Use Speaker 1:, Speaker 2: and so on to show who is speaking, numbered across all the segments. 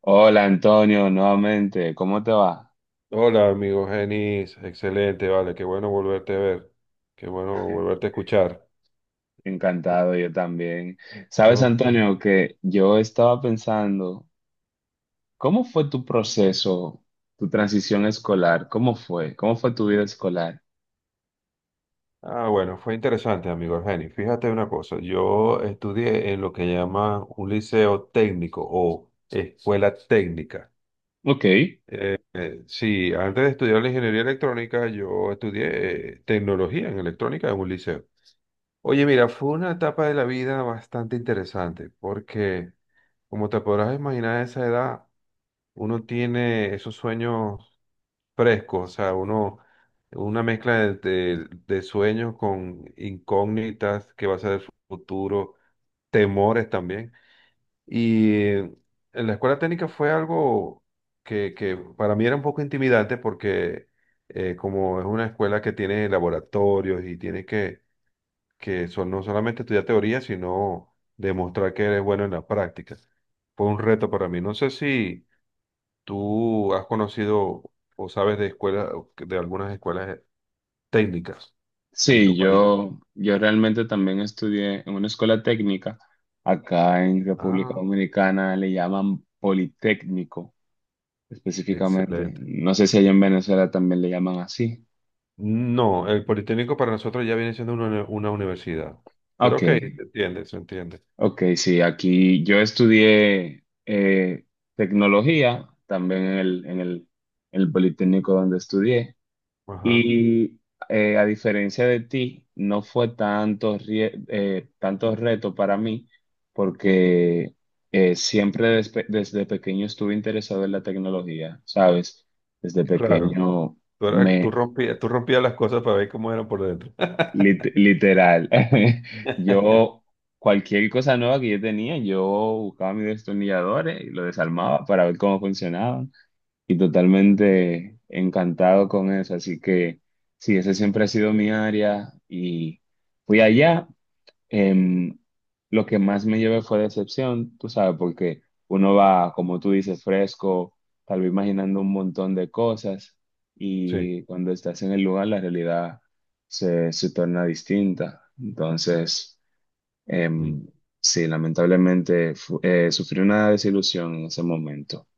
Speaker 1: Hola Antonio, nuevamente, ¿cómo te va?
Speaker 2: Hola, amigo Genis. Excelente, vale. Qué bueno volverte a ver. Qué bueno volverte a escuchar.
Speaker 1: Encantado, yo también. Sabes,
Speaker 2: Todo-
Speaker 1: Antonio, que yo estaba pensando, ¿cómo fue tu proceso, tu transición escolar? ¿Cómo fue? ¿Cómo fue tu vida escolar?
Speaker 2: Bueno, fue interesante, amigo Genis. Fíjate una cosa. Yo estudié en lo que llaman un liceo técnico o escuela técnica.
Speaker 1: Ok,
Speaker 2: Sí, antes de estudiar la ingeniería electrónica, yo estudié tecnología en electrónica en un liceo. Oye, mira, fue una etapa de la vida bastante interesante porque, como te podrás imaginar, a esa edad uno tiene esos sueños fresco, o sea, uno, una mezcla de sueños con incógnitas, que va a ser el futuro, temores también. Y en la escuela técnica fue algo que para mí era un poco intimidante porque como es una escuela que tiene laboratorios y tiene que son, no solamente estudiar teoría, sino demostrar que eres bueno en la práctica. Fue un reto para mí. No sé si... ¿Tú has conocido o sabes de escuelas, de algunas escuelas técnicas en
Speaker 1: sí,
Speaker 2: tu país?
Speaker 1: yo realmente también estudié en una escuela técnica. Acá en República
Speaker 2: Ah,
Speaker 1: Dominicana le llaman Politécnico específicamente.
Speaker 2: excelente.
Speaker 1: No sé si allá en Venezuela también le llaman así.
Speaker 2: No, el Politécnico para nosotros ya viene siendo una, uni- una universidad. Pero
Speaker 1: Ok.
Speaker 2: ok, se entiende, se entiende.
Speaker 1: Ok, sí, aquí yo estudié tecnología también en el Politécnico donde estudié
Speaker 2: Ajá,
Speaker 1: y a diferencia de ti, no fue tanto, tanto reto para mí porque siempre desde pequeño estuve interesado en la tecnología, ¿sabes? Desde
Speaker 2: claro.
Speaker 1: pequeño
Speaker 2: Tú, eras- tú rompías las cosas para ver cómo eran por dentro.
Speaker 1: Literal. Yo, cualquier cosa nueva que yo tenía, yo buscaba mis destornilladores y lo desarmaba para ver cómo funcionaban. Y totalmente encantado con eso. Así que sí, esa siempre ha sido mi área. Y fui allá, em, lo que más me llevé fue decepción, tú sabes, porque uno va, como tú dices, fresco, tal vez imaginando un montón de cosas
Speaker 2: Sí.
Speaker 1: y cuando estás en el lugar la realidad se torna distinta. Entonces,
Speaker 2: Mm.
Speaker 1: em, sí, lamentablemente sufrí una desilusión en ese momento.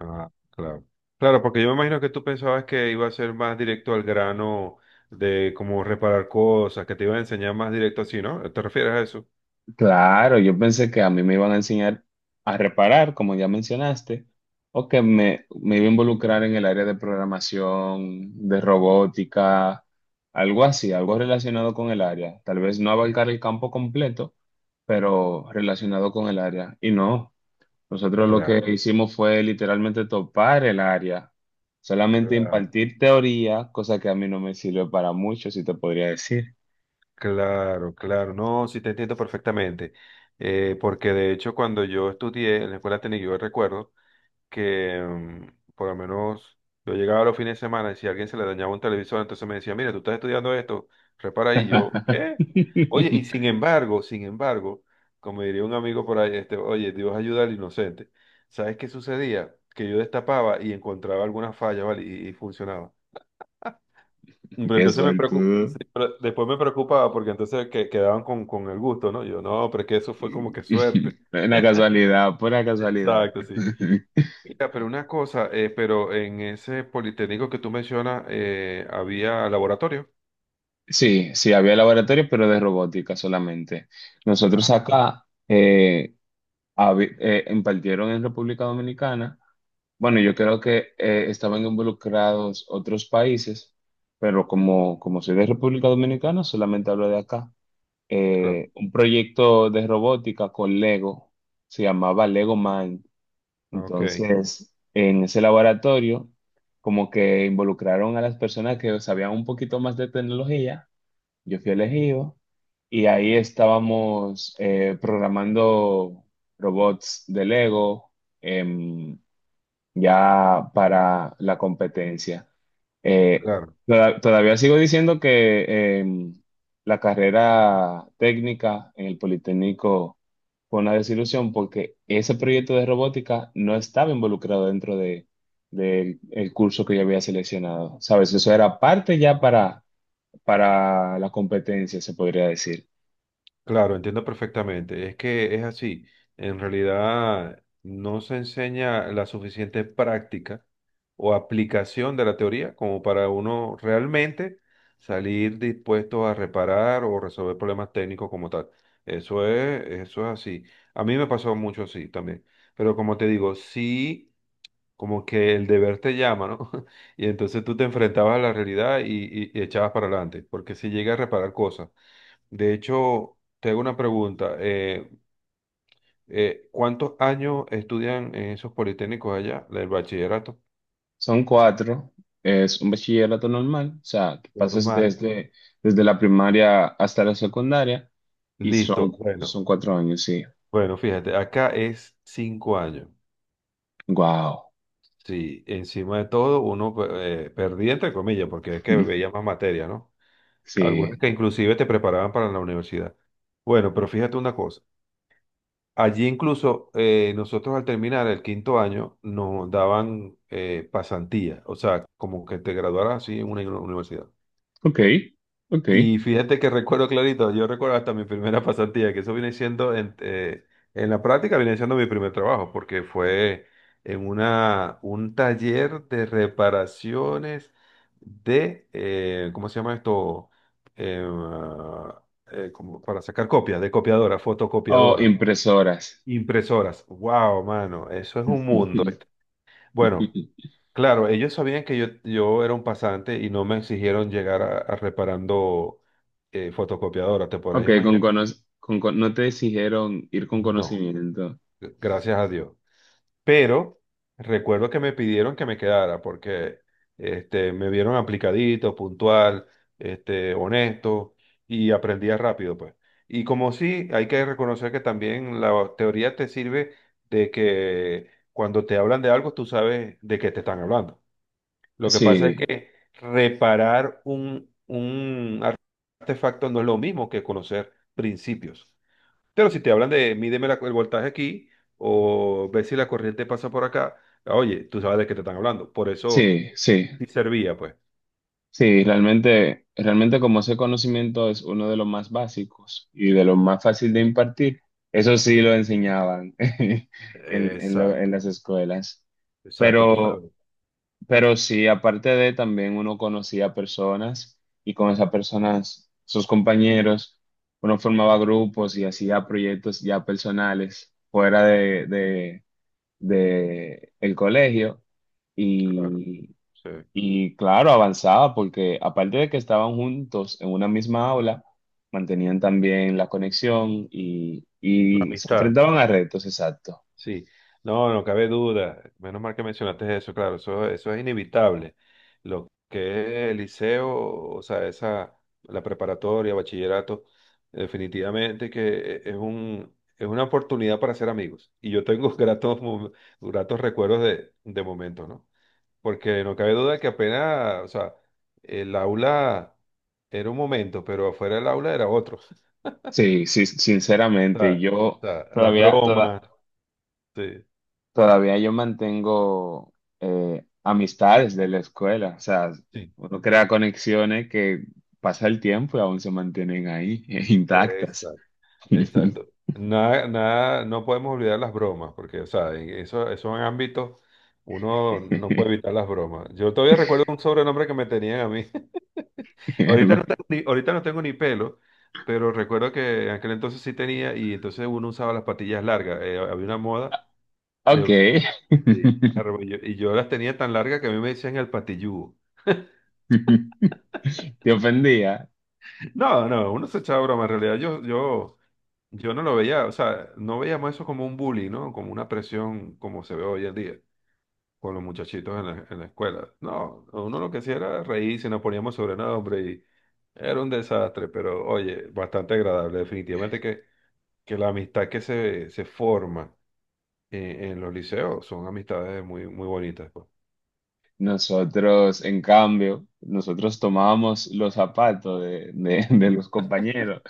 Speaker 2: Ah, claro. Claro, porque yo me imagino que tú pensabas que iba a ser más directo al grano de cómo reparar cosas, que te iba a enseñar más directo así, ¿no? ¿Te refieres a eso?
Speaker 1: Claro, yo pensé que a mí me iban a enseñar a reparar, como ya mencionaste, o que me iba a involucrar en el área de programación, de robótica, algo así, algo relacionado con el área. Tal vez no abarcar el campo completo, pero relacionado con el área. Y no, nosotros lo que
Speaker 2: Claro.
Speaker 1: hicimos fue literalmente topar el área, solamente
Speaker 2: Claro,
Speaker 1: impartir teoría, cosa que a mí no me sirvió para mucho, si te podría decir.
Speaker 2: claro, claro. No, sí te entiendo perfectamente. Porque de hecho cuando yo estudié en la escuela técnica, yo recuerdo que por lo menos yo llegaba los fines de semana y si a alguien se le dañaba un televisor, entonces me decía, mira, tú estás estudiando esto, repara ahí. Y yo, ¿qué? Oye, y sin embargo, sin embargo, como diría un amigo por ahí, este, oye, Dios ayuda al inocente. ¿Sabes qué sucedía? Que yo destapaba y encontraba algunas fallas, ¿vale? Y funcionaba. Pero
Speaker 1: Qué
Speaker 2: entonces me preocupa,
Speaker 1: suerte.
Speaker 2: después me preocupaba porque entonces que, quedaban con el gusto, ¿no? Yo, no, pero es que eso fue como que suerte.
Speaker 1: Una casualidad, pura casualidad.
Speaker 2: Exacto, sí. Mira, pero una cosa, pero en ese politécnico que tú mencionas, ¿había laboratorio?
Speaker 1: Sí, sí, había laboratorios, pero de robótica solamente. Nosotros
Speaker 2: Ah,
Speaker 1: acá impartieron en República Dominicana. Bueno, yo creo que estaban involucrados otros países, pero como soy de República Dominicana, solamente hablo de acá.
Speaker 2: claro.
Speaker 1: Un proyecto de robótica con Lego, se llamaba Lego Mind.
Speaker 2: Ok,
Speaker 1: Entonces, en ese laboratorio, como que involucraron a las personas que sabían un poquito más de tecnología, yo fui elegido y ahí estábamos programando robots de Lego, em, ya para la competencia. Eh,
Speaker 2: claro.
Speaker 1: todavía sigo diciendo que la carrera técnica en el Politécnico fue una desilusión porque ese proyecto de robótica no estaba involucrado dentro del el curso que yo había seleccionado. ¿Sabes? Eso era parte ya para la competencia, se podría decir.
Speaker 2: Claro, entiendo perfectamente. Es que es así. En realidad no se enseña la suficiente práctica o aplicación de la teoría como para uno realmente salir dispuesto a reparar o resolver problemas técnicos como tal. Eso es así. A mí me pasó mucho así también. Pero como te digo, sí como que el deber te llama, ¿no? Y entonces tú te enfrentabas a la realidad y, y echabas para adelante, porque si llega a reparar cosas. De hecho, te hago una pregunta. ¿Cuántos años estudian en esos politécnicos allá, el bachillerato?
Speaker 1: Son cuatro. Es un bachillerato normal, o sea, que pasas
Speaker 2: Normal.
Speaker 1: desde la primaria hasta la secundaria y
Speaker 2: Listo. Bueno,
Speaker 1: son cuatro años, sí.
Speaker 2: bueno, fíjate, acá es 5 años.
Speaker 1: Wow.
Speaker 2: Sí, encima de todo, uno perdía, entre comillas, porque es que veía más materia, ¿no? Algunas
Speaker 1: Sí.
Speaker 2: que inclusive te preparaban para la universidad. Bueno, pero fíjate una cosa. Allí incluso nosotros al terminar el 5.º año nos daban pasantía, o sea, como que te graduaras así en una uni- universidad.
Speaker 1: Ok, ok.
Speaker 2: Y fíjate que recuerdo clarito, yo recuerdo hasta mi primera pasantía, que eso viene siendo, en la práctica viene siendo mi primer trabajo, porque fue en una, un taller de reparaciones de, ¿cómo se llama esto? Em, ah, Como para sacar copias, de copiadora,
Speaker 1: Oh,
Speaker 2: fotocopiadora.
Speaker 1: impresoras.
Speaker 2: Impresoras. Wow, mano, eso es un mundo. Bueno, claro, ellos sabían que yo era un pasante y no me exigieron llegar a reparando fotocopiadoras. ¿Te podrás
Speaker 1: Ok, con,
Speaker 2: imaginar?
Speaker 1: cono- con- no te exigieron ir con
Speaker 2: No,
Speaker 1: conocimiento.
Speaker 2: gracias a Dios. Pero recuerdo que me pidieron que me quedara porque este, me vieron aplicadito, puntual, este, honesto y aprendía rápido, pues. Y como sí, hay que reconocer que también la teoría te sirve de que cuando te hablan de algo, tú sabes de qué te están hablando. Lo que pasa es
Speaker 1: Sí,
Speaker 2: que reparar un artefacto no es lo mismo que conocer principios. Pero si te hablan de mídeme la- el voltaje aquí o ve si la corriente pasa por acá, ah, oye, tú sabes de qué te están hablando. Por eso
Speaker 1: sí, sí.
Speaker 2: sí servía, pues.
Speaker 1: Sí, realmente, realmente como ese conocimiento es uno de los más básicos y de los más fácil de impartir, eso sí lo enseñaban en, en
Speaker 2: Exacto,
Speaker 1: las escuelas.
Speaker 2: exacto, tú
Speaker 1: Pero,
Speaker 2: sabes.
Speaker 1: pero sí, aparte de también uno conocía personas y con esas personas, sus compañeros, uno formaba grupos y hacía proyectos ya personales fuera de el colegio
Speaker 2: Claro, sí.
Speaker 1: y claro, avanzaba porque aparte de que estaban juntos en una misma aula, mantenían también la conexión
Speaker 2: La
Speaker 1: y se
Speaker 2: amistad.
Speaker 1: enfrentaban a retos, exacto.
Speaker 2: Sí, no, no cabe duda. Menos mal que mencionaste eso, claro, eso es inevitable. Lo que es el liceo, o sea, esa, la preparatoria, bachillerato, definitivamente que es un, es una oportunidad para hacer amigos. Y yo tengo gratos, mom- gratos recuerdos de momentos, ¿no? Porque no cabe duda que apenas, o sea, el aula era un momento, pero afuera del aula era otro.
Speaker 1: Sí, sí,
Speaker 2: O
Speaker 1: sinceramente,
Speaker 2: sea,
Speaker 1: yo
Speaker 2: o sea, las
Speaker 1: todavía, toda-
Speaker 2: bromas, sí.
Speaker 1: todavía yo mantengo amistades de la escuela, o sea,
Speaker 2: Sí.
Speaker 1: uno crea conexiones que pasa el tiempo y aún se mantienen ahí, intactas.
Speaker 2: Exacto. Nada, nada, no podemos olvidar las bromas, porque, o sea, en eso, esos ámbitos uno no puede evitar las bromas. Yo todavía recuerdo un sobrenombre que me tenían a mí. Ahorita no tengo ni, ahorita no tengo ni pelo, pero recuerdo que en aquel entonces sí tenía y entonces uno usaba las patillas largas. Había una moda de
Speaker 1: Ok.
Speaker 2: usar sí, arro- y yo las tenía tan largas que a mí me decían el patilludo.
Speaker 1: Te ofendía.
Speaker 2: No, no, uno se echaba broma. En realidad yo, yo... Yo no lo veía, o sea, no veíamos eso como un bullying, ¿no? Como una presión como se ve hoy en día con los muchachitos en la escuela. No, uno lo que hacía era reírse, nos poníamos sobrenombre y era un desastre, pero oye, bastante agradable. Definitivamente que la amistad que se forma en los liceos son amistades muy, muy bonitas, pues.
Speaker 1: Nosotros, en cambio, nosotros tomábamos los zapatos de los compañeros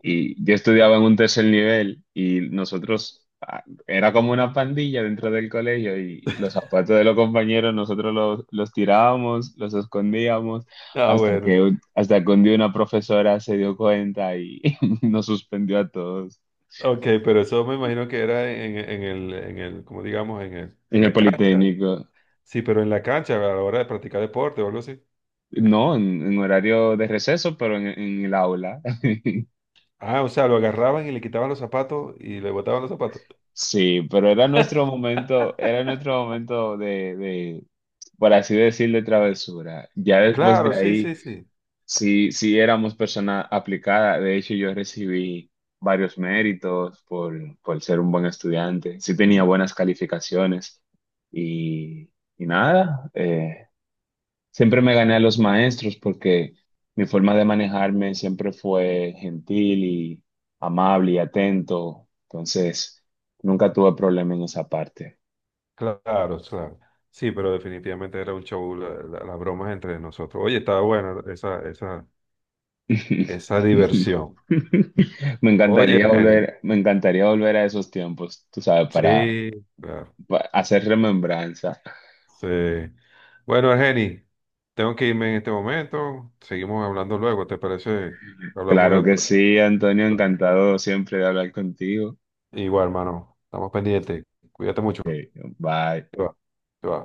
Speaker 1: y yo estudiaba en un tercer nivel y nosotros era como una pandilla dentro del colegio y los zapatos de los compañeros nosotros los tirábamos, los escondíamos
Speaker 2: Ah,
Speaker 1: hasta
Speaker 2: bueno,
Speaker 1: hasta que un día una profesora se dio cuenta y nos suspendió a todos
Speaker 2: ok, pero eso me imagino que era en el, como digamos, en el, en
Speaker 1: en el
Speaker 2: la cancha.
Speaker 1: Politécnico.
Speaker 2: Sí, pero en la cancha a la hora de practicar deporte o algo así.
Speaker 1: No, en horario de receso, pero en el aula.
Speaker 2: Ah, o sea, lo agarraban y le quitaban los zapatos y le botaban los zapatos.
Speaker 1: Sí, pero era nuestro momento por así decir, de travesura. Ya después
Speaker 2: Claro,
Speaker 1: de
Speaker 2: sí,
Speaker 1: ahí,
Speaker 2: sí, sí.
Speaker 1: sí, sí éramos persona aplicada. De hecho, yo recibí varios méritos por ser un buen estudiante. Sí tenía buenas calificaciones y, y nada. Siempre me gané a los maestros porque mi forma de manejarme siempre fue gentil y amable y atento. Entonces, nunca tuve problema en esa parte.
Speaker 2: Claro, claro. Sí, pero definitivamente era un show, la- la- las bromas entre nosotros. Oye, estaba buena esa, esa, esa diversión. Oye, Ergeni.
Speaker 1: Me encantaría volver a esos tiempos, tú sabes, para,
Speaker 2: Sí, claro.
Speaker 1: hacer remembranza.
Speaker 2: Sí. Bueno, Ergeni, tengo que irme en este momento. Seguimos hablando luego, ¿te parece? Hablamos de
Speaker 1: Claro que
Speaker 2: otro
Speaker 1: sí, Antonio,
Speaker 2: tema.
Speaker 1: encantado siempre de hablar contigo.
Speaker 2: Igual, hermano. Estamos pendientes. Cuídate mucho.
Speaker 1: Ok, bye.
Speaker 2: Te va. Te va.